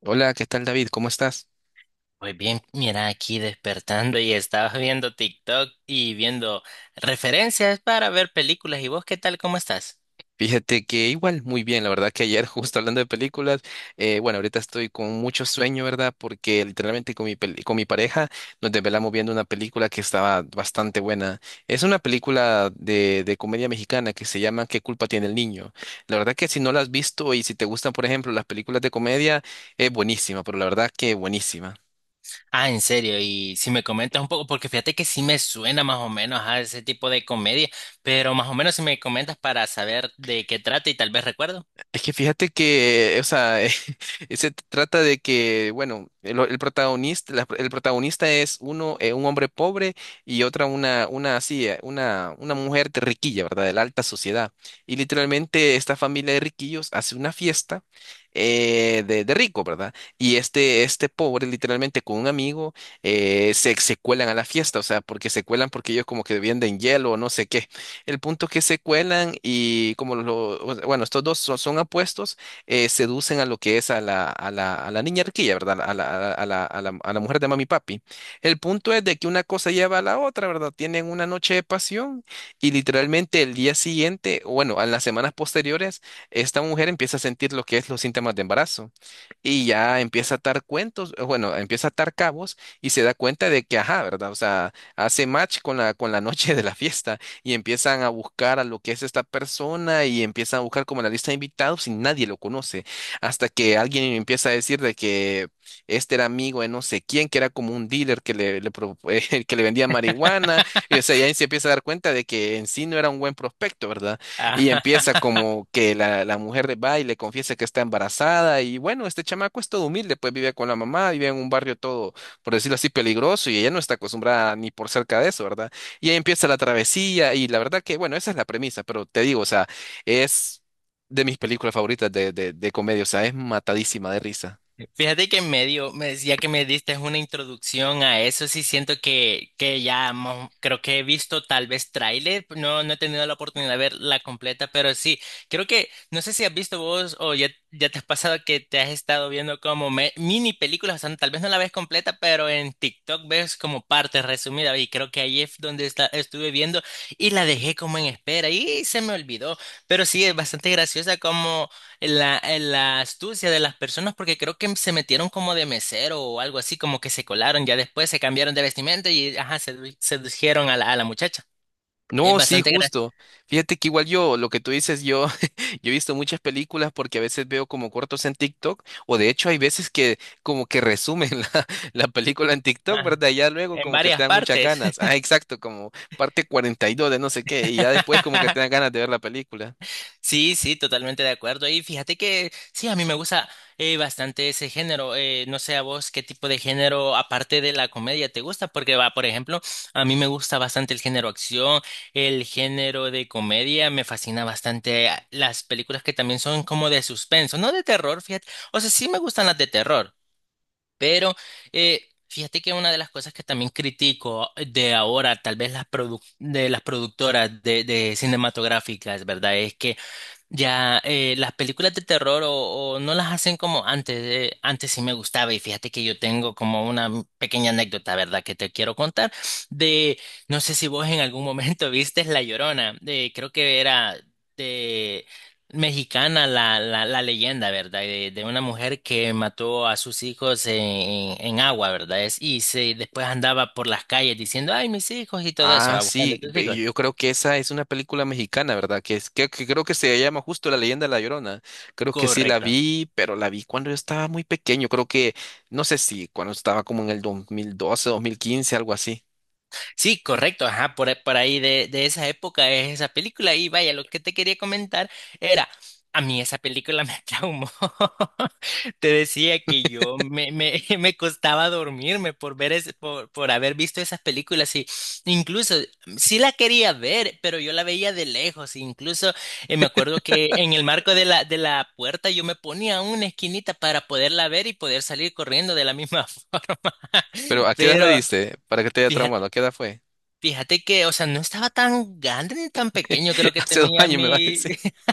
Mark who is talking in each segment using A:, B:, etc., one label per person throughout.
A: Hola, ¿qué tal, David? ¿Cómo estás?
B: Muy bien, mira, aquí despertando y estaba viendo TikTok y viendo referencias para ver películas. ¿Y vos qué tal? ¿Cómo estás?
A: Fíjate que igual, muy bien, la verdad que ayer justo hablando de películas, bueno, ahorita estoy con mucho sueño, ¿verdad? Porque literalmente con mi pareja nos desvelamos viendo una película que estaba bastante buena. Es una película de comedia mexicana que se llama ¿Qué culpa tiene el niño? La verdad que si no la has visto y si te gustan, por ejemplo, las películas de comedia, es buenísima, pero la verdad que buenísima.
B: Ah, en serio, y si me comentas un poco, porque fíjate que sí me suena más o menos a ese tipo de comedia, pero más o menos si me comentas para saber de qué trata y tal vez recuerdo.
A: Es que fíjate que, o sea, se trata de que, bueno, el protagonista, el protagonista es un hombre pobre y otra una mujer de riquilla, ¿verdad? De la alta sociedad. Y literalmente esta familia de riquillos hace una fiesta de rico, ¿verdad? Y este pobre, literalmente con un amigo, se cuelan a la fiesta, o sea, porque se cuelan porque ellos como que venden hielo o no sé qué. El punto que se cuelan y como o sea, bueno, estos dos son apuestos, seducen a lo que es a la niña arquilla, ¿verdad? A la mujer de mami y papi. El punto es de que una cosa lleva a la otra, ¿verdad? Tienen una noche de pasión y literalmente el día siguiente, o bueno, en las semanas posteriores, esta mujer empieza a sentir lo que es los síntomas de embarazo y ya empieza a atar cabos y se da cuenta de que, ajá, ¿verdad? O sea, hace match con la noche de la fiesta y empiezan a buscar a lo que es esta persona y empiezan a buscar como la lista de invitados y nadie lo conoce, hasta que alguien empieza a decir de que este era amigo de no sé quién, que era como un dealer que le pro- que le vendía marihuana, y o sea, ya ahí se empieza a dar cuenta de que en sí no era un buen prospecto, ¿verdad? Y empieza como que la mujer de va y le confiesa que está embarazada y, bueno, este chamaco es todo humilde, pues vive con la mamá, vive en un barrio todo, por decirlo así, peligroso, y ella no está acostumbrada ni por cerca de eso, ¿verdad? Y ahí empieza la travesía, y la verdad que, bueno, esa es la premisa, pero te digo, o sea, es de mis películas favoritas de comedia, o sea, es matadísima de risa.
B: Fíjate que medio, me decía que me diste una introducción a eso, sí siento que ya creo que he visto tal vez tráiler, no, no he tenido la oportunidad de ver la completa, pero sí, creo que, no sé si has visto vos o ya, ya te has pasado que te has estado viendo como mini películas, o sea, tal vez no la ves completa, pero en TikTok ves como parte resumida y creo que ahí es donde estuve viendo y la dejé como en espera y se me olvidó, pero sí, es bastante graciosa como. La astucia de las personas porque creo que se metieron como de mesero o algo así, como que se colaron, ya después se cambiaron de vestimenta y ajá, sedujeron a la muchacha. Es
A: No, sí,
B: bastante
A: justo. Fíjate que igual yo, lo que tú dices, yo, yo he visto muchas películas porque a veces veo como cortos en TikTok, o de hecho hay veces que como que resumen la película en TikTok,
B: gracioso.
A: ¿verdad? Y ya luego
B: En
A: como que
B: varias
A: te dan muchas
B: partes.
A: ganas. Ah, exacto, como parte 42 de no sé qué, y ya después como que te dan ganas de ver la película.
B: Sí, sí, totalmente de acuerdo. Y fíjate que sí, a mí me gusta bastante ese género. No sé a vos qué tipo de género, aparte de la comedia, te gusta, porque va, por ejemplo, a mí me gusta bastante el género acción, el género de comedia, me fascina bastante las películas que también son como de suspenso, no de terror, fíjate. O sea, sí me gustan las de terror, pero fíjate que una de las cosas que también critico de ahora, tal vez de las productoras de cinematográficas, ¿verdad? Es que ya, las películas de terror o no las hacen como antes. Antes sí me gustaba y fíjate que yo tengo como una pequeña anécdota, ¿verdad? Que te quiero contar de, no sé si vos en algún momento viste La Llorona, creo que era de mexicana la leyenda, ¿verdad? De una mujer que mató a sus hijos en agua, ¿verdad? Después andaba por las calles diciendo, ay, mis hijos y todo eso,
A: Ah,
B: va buscando a
A: sí,
B: sus hijos.
A: yo creo que esa es una película mexicana, ¿verdad? Que creo que se llama justo La Leyenda de la Llorona. Creo que sí la
B: Correcto.
A: vi, pero la vi cuando yo estaba muy pequeño. Creo que, no sé si cuando estaba como en el 2012, 2015, algo así.
B: Sí, correcto, ajá, por ahí de esa época es esa película. Y vaya, lo que te quería comentar era. A mí esa película me traumó. Te decía que yo me costaba dormirme por ver por haber visto esas películas. Y incluso sí la quería ver, pero yo la veía de lejos. Incluso me acuerdo que en el marco de la puerta yo me ponía una esquinita para poderla ver y poder salir corriendo de la misma forma.
A: Pero ¿a qué edad la
B: Pero
A: viste? Para que te haya
B: fíjate.
A: traumado, ¿a qué edad fue?
B: Fíjate que, o sea, no estaba tan grande ni tan pequeño, creo que
A: Hace dos
B: tenía
A: años me va a
B: mi.
A: decir.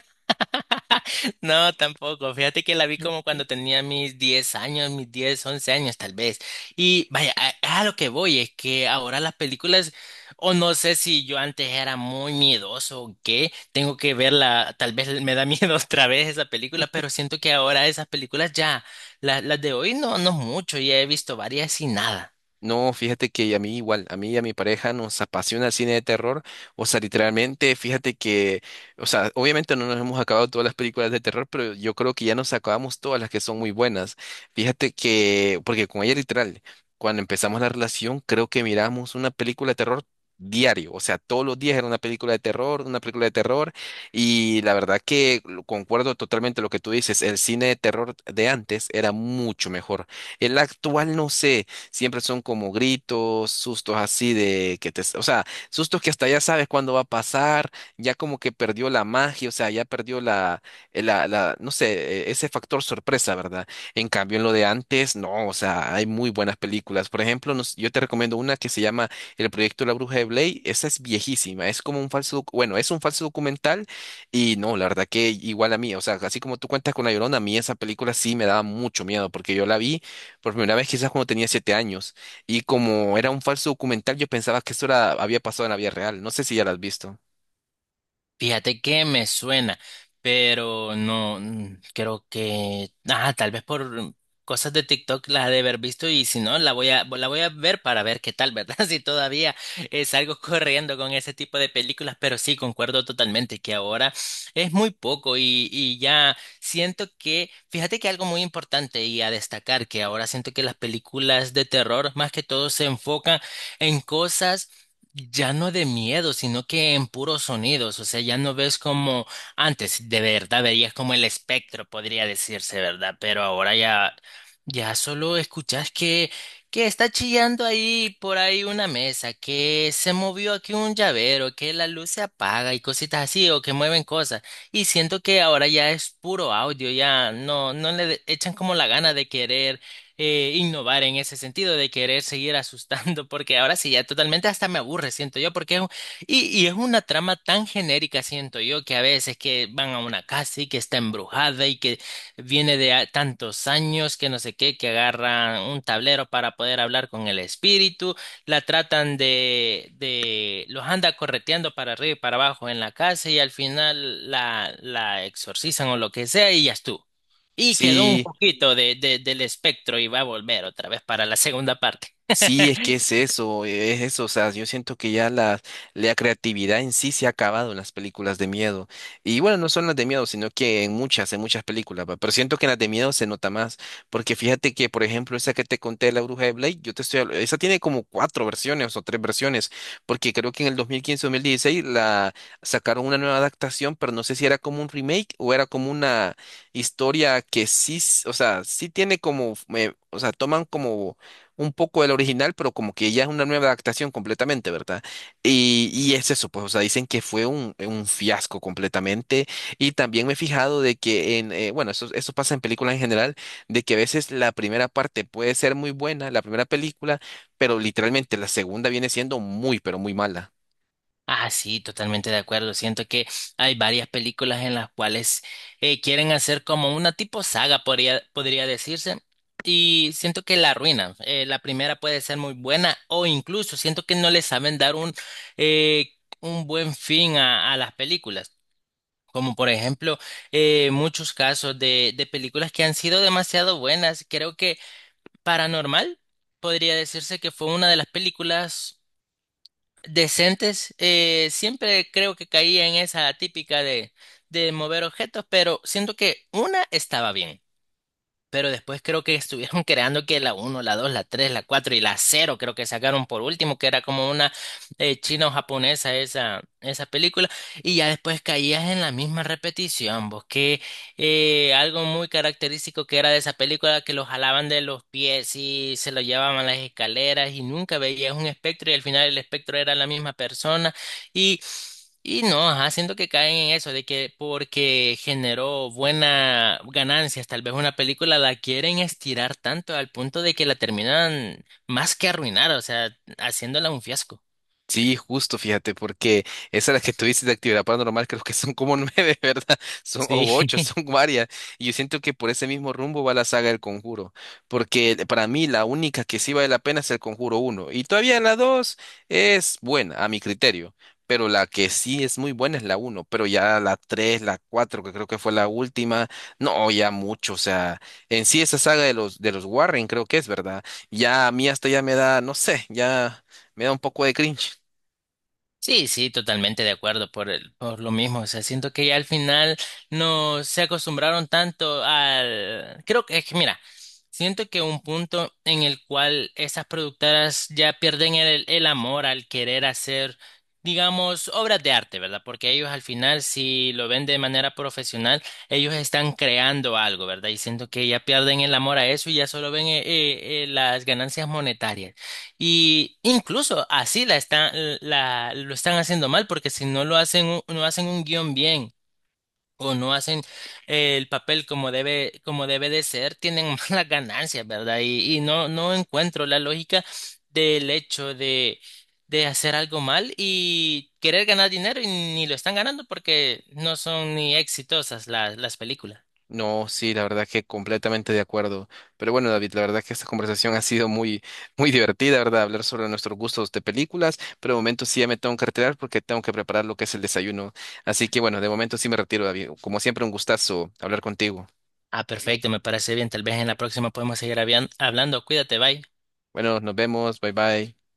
B: No, tampoco. Fíjate que la vi como cuando tenía mis 10 años, mis 10, 11 años tal vez. Y vaya, a lo que voy es que ahora las películas, o no sé si yo antes era muy miedoso o qué, tengo que verla, tal vez me da miedo otra vez esa película, pero siento que ahora esas películas ya, las de hoy no, no mucho, ya he visto varias y nada.
A: No, fíjate que a mí igual, a mí y a mi pareja nos apasiona el cine de terror. O sea, literalmente, fíjate que, o sea, obviamente no nos hemos acabado todas las películas de terror, pero yo creo que ya nos acabamos todas las que son muy buenas. Fíjate que, porque con ella literal, cuando empezamos la relación, creo que miramos una película de terror diario. O sea, todos los días era una película de terror, una película de terror. Y la verdad que concuerdo totalmente lo que tú dices, el cine de terror de antes era mucho mejor. El actual, no sé, siempre son como gritos, sustos, así de que te, o sea, sustos que hasta ya sabes cuándo va a pasar, ya como que perdió la magia, o sea, ya perdió la, no sé, ese factor sorpresa, ¿verdad? En cambio, en lo de antes, no, o sea, hay muy buenas películas. Por ejemplo, yo te recomiendo una que se llama El Proyecto de la Bruja de Blair. Esa es viejísima, es como un es un falso documental, y no, la verdad que igual a mí, o sea, así como tú cuentas con La Llorona, a mí esa película sí me daba mucho miedo porque yo la vi por primera vez quizás cuando tenía 7 años. Y como era un falso documental, yo pensaba que eso había pasado en la vida real. No sé si ya lo has visto.
B: Fíjate que me suena, pero no creo que, tal vez por cosas de TikTok la ha de haber visto y si no la voy a ver para ver qué tal, ¿verdad? Si todavía salgo corriendo con ese tipo de películas, pero sí concuerdo totalmente que ahora es muy poco y ya siento que, fíjate que algo muy importante y a destacar que ahora siento que las películas de terror más que todo se enfocan en cosas ya no de miedo, sino que en puros sonidos, o sea, ya no ves como antes, de verdad veías como el espectro, podría decirse, ¿verdad? Pero ahora ya, ya solo escuchas que está chillando ahí por ahí una mesa, que se movió aquí un llavero, que la luz se apaga y cositas así, o que mueven cosas. Y siento que ahora ya es puro audio, ya no, no le echan como la gana de querer innovar en ese sentido de querer seguir asustando, porque ahora sí ya totalmente hasta me aburre, siento yo, porque es y es una trama tan genérica, siento yo, que a veces que van a una casa y que está embrujada y que viene de tantos años, que no sé qué, que agarran un tablero para poder hablar con el espíritu, la tratan los anda correteando para arriba y para abajo en la casa y al final la exorcizan o lo que sea y ya estuvo. Y quedó un
A: Sí,
B: poquito de, del espectro y va a volver otra vez para la segunda parte.
A: sí, es que es eso, o sea, yo siento que ya la creatividad en sí se ha acabado en las películas de miedo. Y bueno, no son las de miedo, sino que en muchas películas, va, pero siento que en las de miedo se nota más, porque fíjate que, por ejemplo, esa que te conté, La Bruja de Blake, yo te estoy, habl- esa tiene como cuatro versiones o tres versiones, porque creo que en el dos dos mil quince mil dieciséis la sacaron una nueva adaptación, pero no sé si era como un remake o era como una historia que sí, o sea, sí tiene como, o sea, toman como un poco del original, pero como que ya es una nueva adaptación completamente, ¿verdad? Y es eso, pues, o sea, dicen que fue un fiasco completamente. Y también me he fijado de que eso pasa en películas en general, de que a veces la primera parte puede ser muy buena, la primera película, pero literalmente la segunda viene siendo muy, pero muy mala.
B: Ah, sí, totalmente de acuerdo. Siento que hay varias películas en las cuales quieren hacer como una tipo saga, podría decirse, y siento que la arruinan. La primera puede ser muy buena o incluso siento que no le saben dar eh, un buen fin a las películas. Como por ejemplo, muchos casos de películas que han sido demasiado buenas. Creo que Paranormal podría decirse que fue una de las películas decentes. Siempre creo que caía en esa típica de mover objetos, pero siento que una estaba bien. Pero después creo que estuvieron creando que la uno la 2 la 3 la 4 y la cero creo que sacaron por último, que era como una china o japonesa esa película. Y ya después caías en la misma repetición, vos que algo muy característico que era de esa película, que lo jalaban de los pies y se lo llevaban a las escaleras y nunca veías un espectro y al final el espectro era la misma persona. Y, y no, ajá, siento que caen en eso, de que porque generó buena ganancias, tal vez una película la quieren estirar tanto al punto de que la terminan más que arruinar, o sea, haciéndola un fiasco.
A: Sí, justo, fíjate, porque esa es la que tú dices de actividad paranormal, creo que son como nueve, ¿verdad? Son
B: Sí.
A: o ocho, son varias. Y yo siento que por ese mismo rumbo va la saga del Conjuro, porque para mí la única que sí vale la pena es el Conjuro uno. Y todavía la 2 es buena, a mi criterio, pero la que sí es muy buena es la uno, pero ya la 3, la cuatro, que creo que fue la última, no, ya mucho, o sea, en sí esa saga de los Warren, creo que es, ¿verdad? Ya a mí hasta ya me da, no sé, ya me da un poco de cringe.
B: Sí, sí, totalmente de acuerdo por el, por lo mismo. O sea, siento que ya al final no se acostumbraron tanto al. Creo que es que, mira, siento que un punto en el cual esas productoras ya pierden el amor al querer hacer, digamos, obras de arte, ¿verdad? Porque ellos al final, si lo ven de manera profesional, ellos están creando algo, ¿verdad? Y siento que ya pierden el amor a eso y ya solo ven las ganancias monetarias. Y incluso así lo están haciendo mal, porque si no lo hacen, no hacen un guión bien o no hacen el papel como debe de ser, tienen malas ganancias, ¿verdad? Y no, no encuentro la lógica del hecho de hacer algo mal y querer ganar dinero y ni lo están ganando porque no son ni exitosas las películas.
A: No, sí, la verdad que completamente de acuerdo. Pero bueno, David, la verdad que esta conversación ha sido muy, muy divertida, ¿verdad? Hablar sobre nuestros gustos de películas, pero de momento sí ya me tengo que retirar porque tengo que preparar lo que es el desayuno. Así que bueno, de momento sí me retiro, David. Como siempre, un gustazo hablar contigo.
B: Ah, perfecto, me parece bien. Tal vez en la próxima podemos seguir hablando. Cuídate, bye.
A: Bueno, nos vemos, bye bye.